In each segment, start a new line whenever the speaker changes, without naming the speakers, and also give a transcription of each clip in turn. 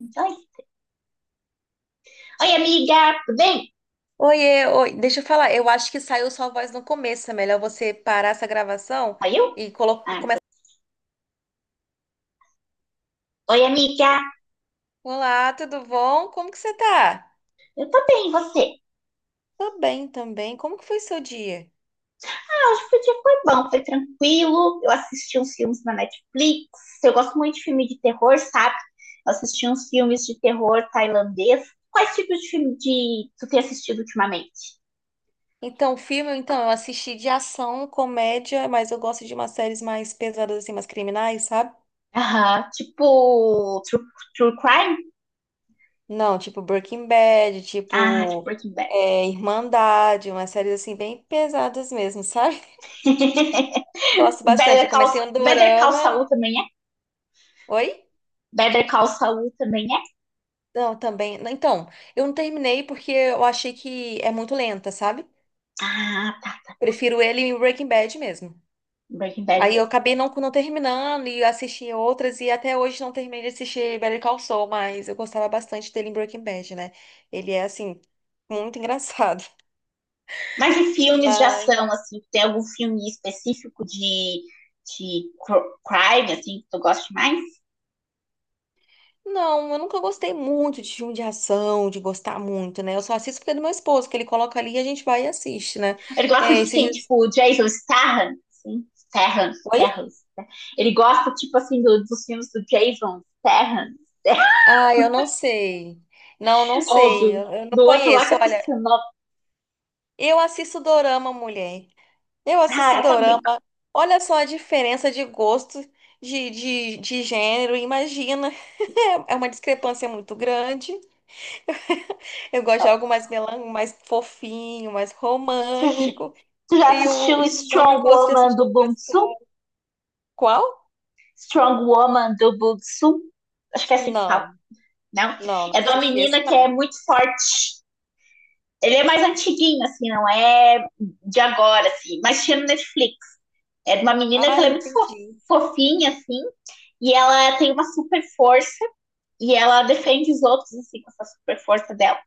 Oi. Oi, amiga, tudo bem?
Oiê, oi, deixa eu falar, eu acho que saiu sua voz no começo, é melhor você parar essa gravação
Oi, eu? Ah,
e
então.
começar.
Oi, amiga,
Olá, tudo bom? Como que você tá?
eu tô bem, e você?
Tô bem também, como que foi seu dia?
Ah, hoje o dia foi bom, foi tranquilo. Eu assisti uns filmes na Netflix. Eu gosto muito de filme de terror, sabe? Eu assisti uns filmes de terror tailandês. Quais tipos de filme de... tu tem assistido ultimamente?
Então, filme, então, eu assisti de ação, comédia, mas eu gosto de umas séries mais pesadas, assim, mais criminais, sabe?
Aham, tipo true, true crime?
Não, tipo Breaking Bad,
Ah, tipo
tipo
Breaking Bad.
Irmandade, umas séries, assim, bem pesadas mesmo, sabe? Gosto bastante, eu
Better Call,
comecei um
Better Call
dorama.
Saul também é?
Oi?
Better Call Saul também é?
Não, também. Então, eu não terminei porque eu achei que é muito lenta, sabe?
Ah, tá.
Prefiro ele em Breaking Bad mesmo.
Breaking Bad
Aí eu
mesmo.
acabei não terminando e assisti outras e até hoje não terminei de assistir Better Call Saul, mas eu gostava bastante dele em Breaking Bad, né? Ele é, assim, muito engraçado.
Mas e filmes de
Mas,
ação, assim, tem algum filme específico de, crime, assim, que tu gosta mais?
não, eu nunca gostei muito de filme de ação, de gostar muito, né? Eu só assisto porque é do meu esposo, que ele coloca ali e a gente vai e assiste, né?
Ele gosta
É,
de
esses
quem?
dias.
Tipo, Jason Statham, assim, Statham,
Oi?
Statham, né? Ele gosta, tipo, assim, dos filmes do Jason Statham,
Ah, eu não sei. Não, não
ou
sei.
do,
Eu não
do outro lá que
conheço.
eu
Olha,
esqueci o nome.
eu assisto dorama, mulher. Eu assisto
Ah, eu também.
dorama. Olha só a diferença de gosto, de gênero. Imagina. É uma discrepância muito grande. Eu gosto de algo mais fofinho, mais
Tu,
romântico.
tu já
E o,
assistiu
e o homem
Strong
gosta de
Woman
assistir.
do Bong Joon?
Qual?
Strong Woman do Bong Joon? Acho que é assim que
Não,
fala, não?
não, não
É de uma
assisti
menina
esse,
que
não.
é muito forte. Ele é mais antiguinho, assim, não é de agora, assim, mas tinha no Netflix. É de uma menina que
Ah,
ela é muito
entendi.
fofinha, assim, e ela tem uma super força e ela defende os outros, assim, com essa super força dela.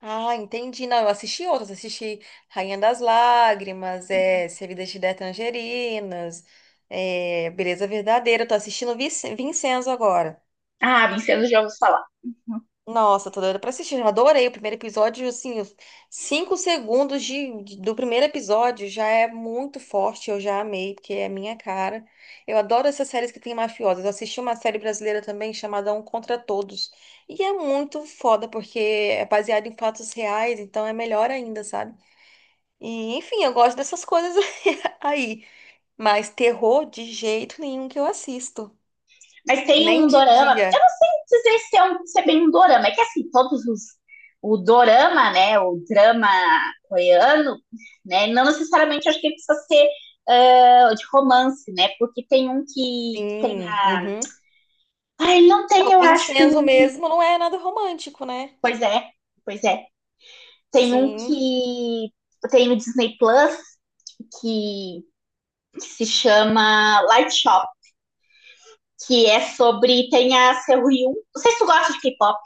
Ah, entendi. Não, eu assisti outras. Assisti Rainha das Lágrimas, é, Servidas de Tangerinas, é, Beleza Verdadeira. Eu tô assistindo Vincenzo agora.
Ah, Vincenzo já ouviu falar. Uhum.
Nossa, tô doida pra assistir. Eu adorei o primeiro episódio. Assim, os 5 segundos do primeiro episódio já é muito forte. Eu já amei, porque é a minha cara. Eu adoro essas séries que tem mafiosas. Eu assisti uma série brasileira também chamada Um Contra Todos. E é muito foda, porque é baseado em fatos reais, então é melhor ainda, sabe? E, enfim, eu gosto dessas coisas aí. Mas terror de jeito nenhum que eu assisto.
Mas tem
Nem
um
de
dorama, eu
dia.
não sei dizer se é, um, se é bem um dorama, é que assim, todos os. O dorama, né, o drama coreano, né, não necessariamente acho que ele precisa ser ah, de romance, né, porque tem um que tem
Sim.
a.
Uhum.
Ah, ele não
É,
tem,
o
eu acho.
Vincenzo
em-.
mesmo não é nada romântico, né?
Pois é, pois é. Tem um
Sim.
que tem no Disney Plus que, que se chama Light Shop, que é sobre tem a Seo Hyun. Não sei se tu gosta de K-pop,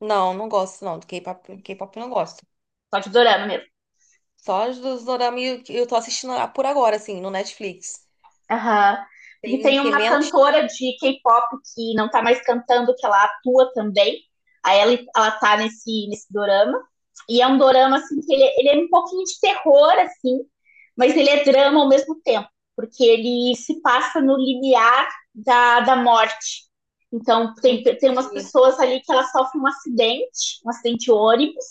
Não, não gosto não. Do K-pop, K-pop eu não gosto.
só de dorama mesmo.
Só os dos dorama que eu tô assistindo por agora, assim, no Netflix.
Aham. Porque
Tem o
tem
que
uma
menos.
cantora de K-pop que não tá mais cantando, que ela atua também. Ela tá nesse dorama. E é um dorama, assim, ele é um pouquinho de terror, assim, mas ele é drama ao mesmo tempo, porque ele se passa no limiar da morte. Então, tem umas
Entendi.
pessoas ali que elas sofrem um acidente de ônibus,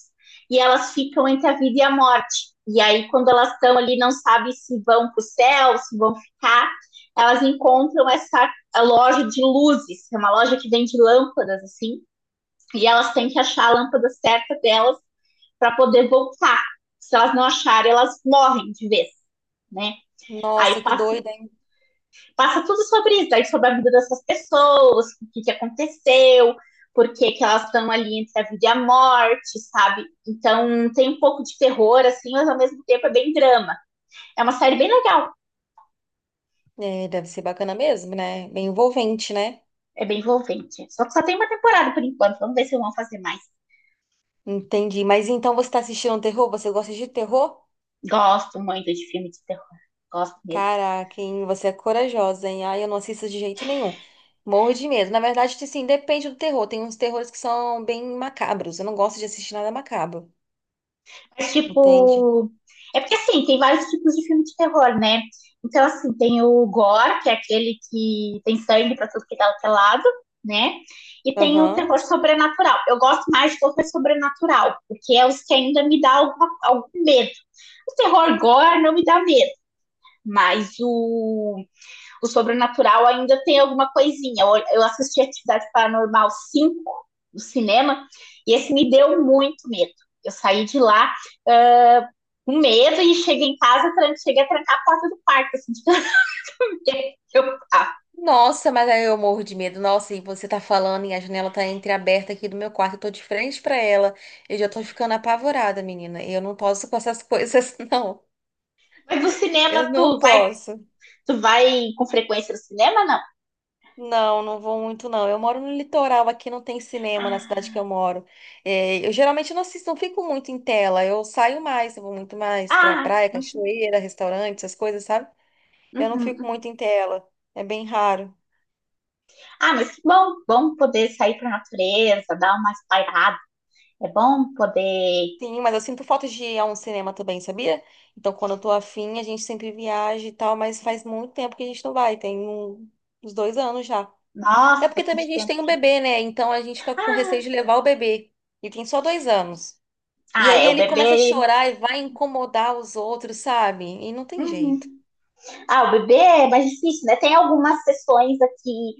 e elas ficam entre a vida e a morte. E aí, quando elas estão ali, não sabem se vão para o céu, se vão ficar elas encontram essa a loja de luzes, é uma loja que vende lâmpadas, assim, e elas têm que achar a lâmpada certa delas para poder voltar. Se elas não acharem, elas morrem de vez, né? Aí
Nossa, que
passa,
doida, hein?
passa tudo sobre isso, aí sobre a vida dessas pessoas, que aconteceu, que elas estão ali entre a vida e a morte, sabe? Então tem um pouco de terror, assim, mas ao mesmo tempo é bem drama. É uma série bem legal,
É, deve ser bacana mesmo, né? Bem envolvente, né?
é bem envolvente. Só que só tem uma temporada por enquanto, vamos ver se vão fazer mais.
Entendi. Mas então você tá assistindo terror? Você gosta de terror?
Gosto muito de filme de terror. Gosto mesmo.
Caraca, hein? Você é corajosa, hein? Ai, eu não assisto de jeito nenhum. Morro de medo. Na verdade, tipo assim, depende do terror. Tem uns terrores que são bem macabros. Eu não gosto de assistir nada macabro.
Mas,
Entende?
tipo. É porque, assim, tem vários tipos de filme de terror, né? Então, assim, tem o gore, que é aquele que tem sangue pra tudo que dá o lado, né? E tem o
Aham.
terror sobrenatural. Eu gosto mais de terror sobrenatural, porque é os que ainda me dá algum medo. O terror gore não me dá medo, mas o sobrenatural ainda tem alguma coisinha. Eu assisti Atividade Paranormal 5 no cinema e esse me deu muito medo. Eu saí de lá uh, com medo e cheguei em casa, cheguei a trancar a porta do quarto, assim, de tanto que eu
Nossa, mas aí eu morro de medo. Nossa, e você tá falando e a janela tá entreaberta aqui do meu quarto. Eu tô de frente pra ela. Eu já tô ficando apavorada, menina. Eu não posso com essas coisas, não.
Mas no cinema,
Eu não posso.
tu vai com frequência no cinema, não?
Não, não vou muito, não. Eu moro no litoral, aqui não tem cinema na
Ah,
cidade que eu moro. É, eu geralmente não assisto, não fico muito em tela. Eu saio mais, eu vou muito mais pra
ah,
praia,
uhum,
cachoeira, restaurante, essas coisas, sabe? Eu não
uhum.
fico
Uhum.
muito em tela. É bem raro.
Ah, mas que bom, bom poder sair para a natureza, dar uma espairada. É bom poder...
Sim, mas eu sinto falta de ir a um cinema também, sabia? Então, quando eu tô afim, a gente sempre viaja e tal, mas faz muito tempo que a gente não vai, uns 2 anos já. Até
Nossa,
porque também
bastante
a gente
tempo.
tem um bebê, né? Então a gente fica com
Ah,
receio de levar o bebê. E tem só 2 anos. E
ah
aí
é, o
ele começa a
bebê.
chorar e vai incomodar os outros, sabe? E não tem
Uhum.
jeito.
Ah, o bebê é mais difícil, né? Tem algumas sessões aqui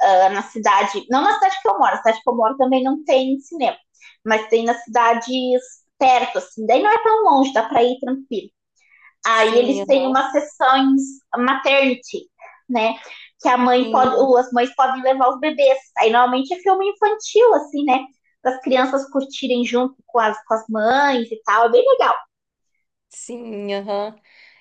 ah, na cidade, não na cidade que eu moro, na cidade que eu moro também não tem cinema, mas tem nas cidades perto, assim, daí não é tão longe, dá pra ir tranquilo. Aí
Sim,
eles têm
aham.
umas sessões maternity, né? Que a mãe pode,
Sim,
ou as mães podem levar os bebês. Aí normalmente é filme infantil, assim, né? Para as crianças curtirem junto com as mães e tal, é bem legal.
sim, aham.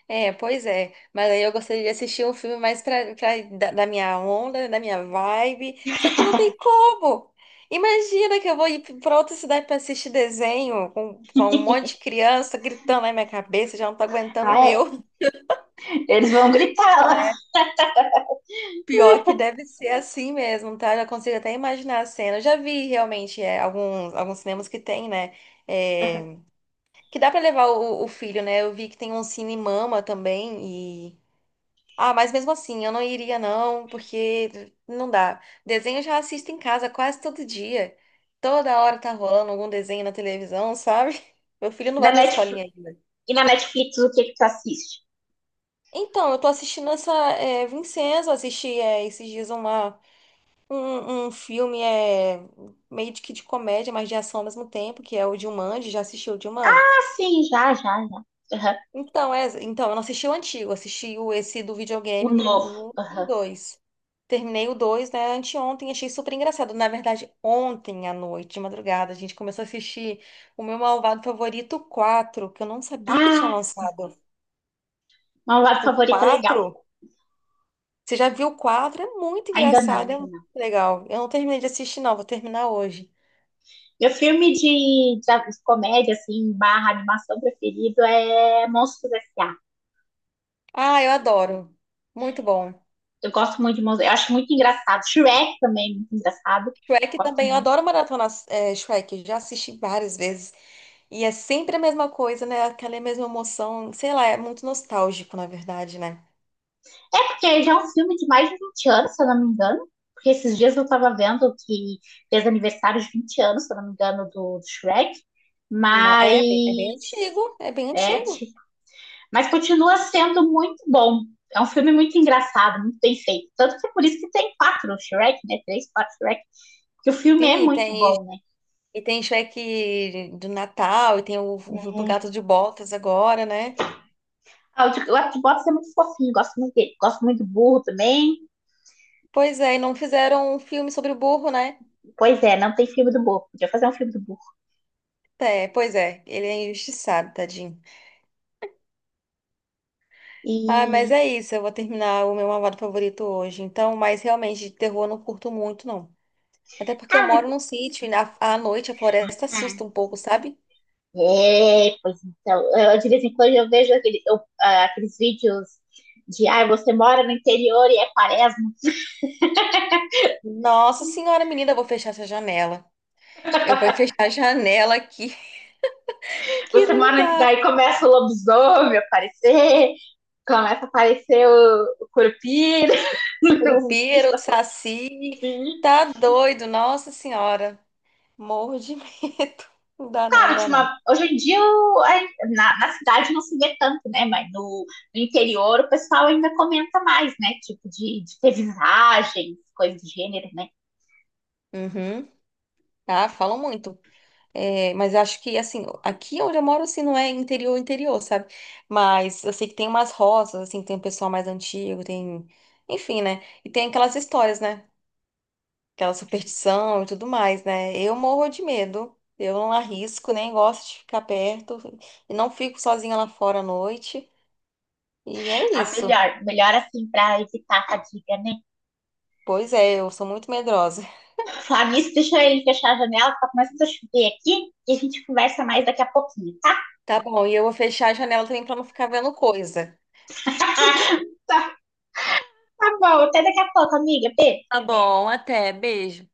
É, pois é. Mas aí eu gostaria de assistir um filme mais da minha onda, da minha vibe. Só que não tem como. Imagina que eu vou ir pra outra cidade pra assistir desenho com um monte de criança gritando na minha cabeça, já não tô aguentando o
Ah, é.
meu.
Eles vão gritar lá.
Pior que deve ser assim mesmo, tá? Eu já consigo até imaginar a cena. Eu já vi realmente é, alguns cinemas que tem, né? É, que dá pra levar o filho, né? Eu vi que tem um Cine Mama também. E ah, mas mesmo assim, eu não iria não, porque não dá. Desenho eu já assisto em casa quase todo dia. Toda hora tá rolando algum desenho na televisão, sabe? Meu filho não
Na
vai pra
Netflix.
escolinha ainda.
E na Netflix, o que que tu assiste?
Então, eu tô assistindo essa Vincenzo, assisti esses dias uma. Um filme é meio de que de comédia, mas de ação ao mesmo tempo, que é o Jumanji. Já assistiu o Jumanji?
Ah, sim, já, já, já. Aham.
Então, é, então, eu não assisti o antigo, assisti esse do
O
videogame,
novo.
o 1 e o
Aham.
2. Terminei o 2 né, anteontem, achei super engraçado. Na verdade, ontem à noite, de madrugada, a gente começou a assistir o meu malvado favorito, o 4, que eu não sabia que tinha
Ah, sim.
lançado.
Malvado
O
Favorito é legal.
4. Você já viu o 4? É muito
Ainda não,
engraçado, é
ainda
muito
não.
legal. Eu não terminei de assistir, não, vou terminar hoje.
Meu filme de comédia, assim, barra animação preferido é Monstros S.A.
Ah, eu adoro. Muito bom.
Eu gosto muito de Monstros. Eu acho muito engraçado. Shrek também é muito engraçado.
Shrek
Gosto
também, eu
muito.
adoro maratona é, Shrek, já assisti várias vezes. E é sempre a mesma coisa, né? Aquela mesma emoção, sei lá, é muito nostálgico, na verdade, né?
É porque já é um filme de mais de 20 anos, se eu não me engano. Porque esses dias eu tava vendo que fez aniversário de 20 anos, se eu não me engano, do Shrek.
É bem
Mas
antigo, é bem
é,
antigo.
mas continua sendo muito bom. É um filme muito engraçado, muito bem feito. Tanto que é por isso que tem quatro Shrek, né? Três, quatro Shrek. Porque o filme é
Sim,
muito bom, né?
e tem Shrek do Natal, e tem o do
É.
Gato de Botas agora, né?
Ah, o de Box é muito fofinho, gosto muito dele. Gosto muito do burro também.
Pois é, e não fizeram um filme sobre o burro, né?
Pois é, não tem filme do burro. Podia fazer um filme do burro.
É, pois é, ele é injustiçado, tadinho. Ah, mas
E.
é isso. Eu vou terminar o meu malvado favorito hoje. Então, mas realmente de terror eu não curto muito, não. Até porque eu
Ah, mas...
moro num sítio e à noite a floresta assusta um pouco, sabe?
É, pois então. Eu, de vez em quando eu vejo aquele, eu, ah, aqueles vídeos de. Ah, você mora no interior e é quaresma.
Nossa senhora, menina, eu vou fechar essa janela. Eu vou fechar a janela aqui, que
Você
não
mora.
dá.
Daí começa o lobisomem a aparecer, começa a aparecer o curupira, o bicho
Curupira, o saci,
assim.
tá doido, nossa senhora. Morro de medo. Não dá não, não
Claro,
dá
tipo,
não.
hoje em dia na cidade não se vê tanto, né? Mas no, no interior o pessoal ainda comenta mais, né? Tipo, de ter visagens, coisas do gênero, né?
Uhum. Ah, falam muito. É, mas eu acho que, assim, aqui onde eu moro, assim, não é interior, interior, sabe? Mas eu sei que tem umas roças, assim, tem um pessoal mais antigo, tem. Enfim, né? E tem aquelas histórias, né? Aquela superstição e tudo mais, né? Eu morro de medo. Eu não arrisco, nem gosto de ficar perto. E não fico sozinha lá fora à noite. E é
A
isso.
melhor, melhor assim, pra evitar a fadiga, né?
Pois é, eu sou muito medrosa.
Falar nisso, deixa ele fechar a janela, tá começando a chover aqui e a gente conversa mais daqui a pouquinho, tá?
Tá bom, e eu vou fechar a janela também pra não ficar vendo coisa.
Tá. Tá bom, até daqui a pouco, amiga. Beijo.
Tá bom, até. Beijo.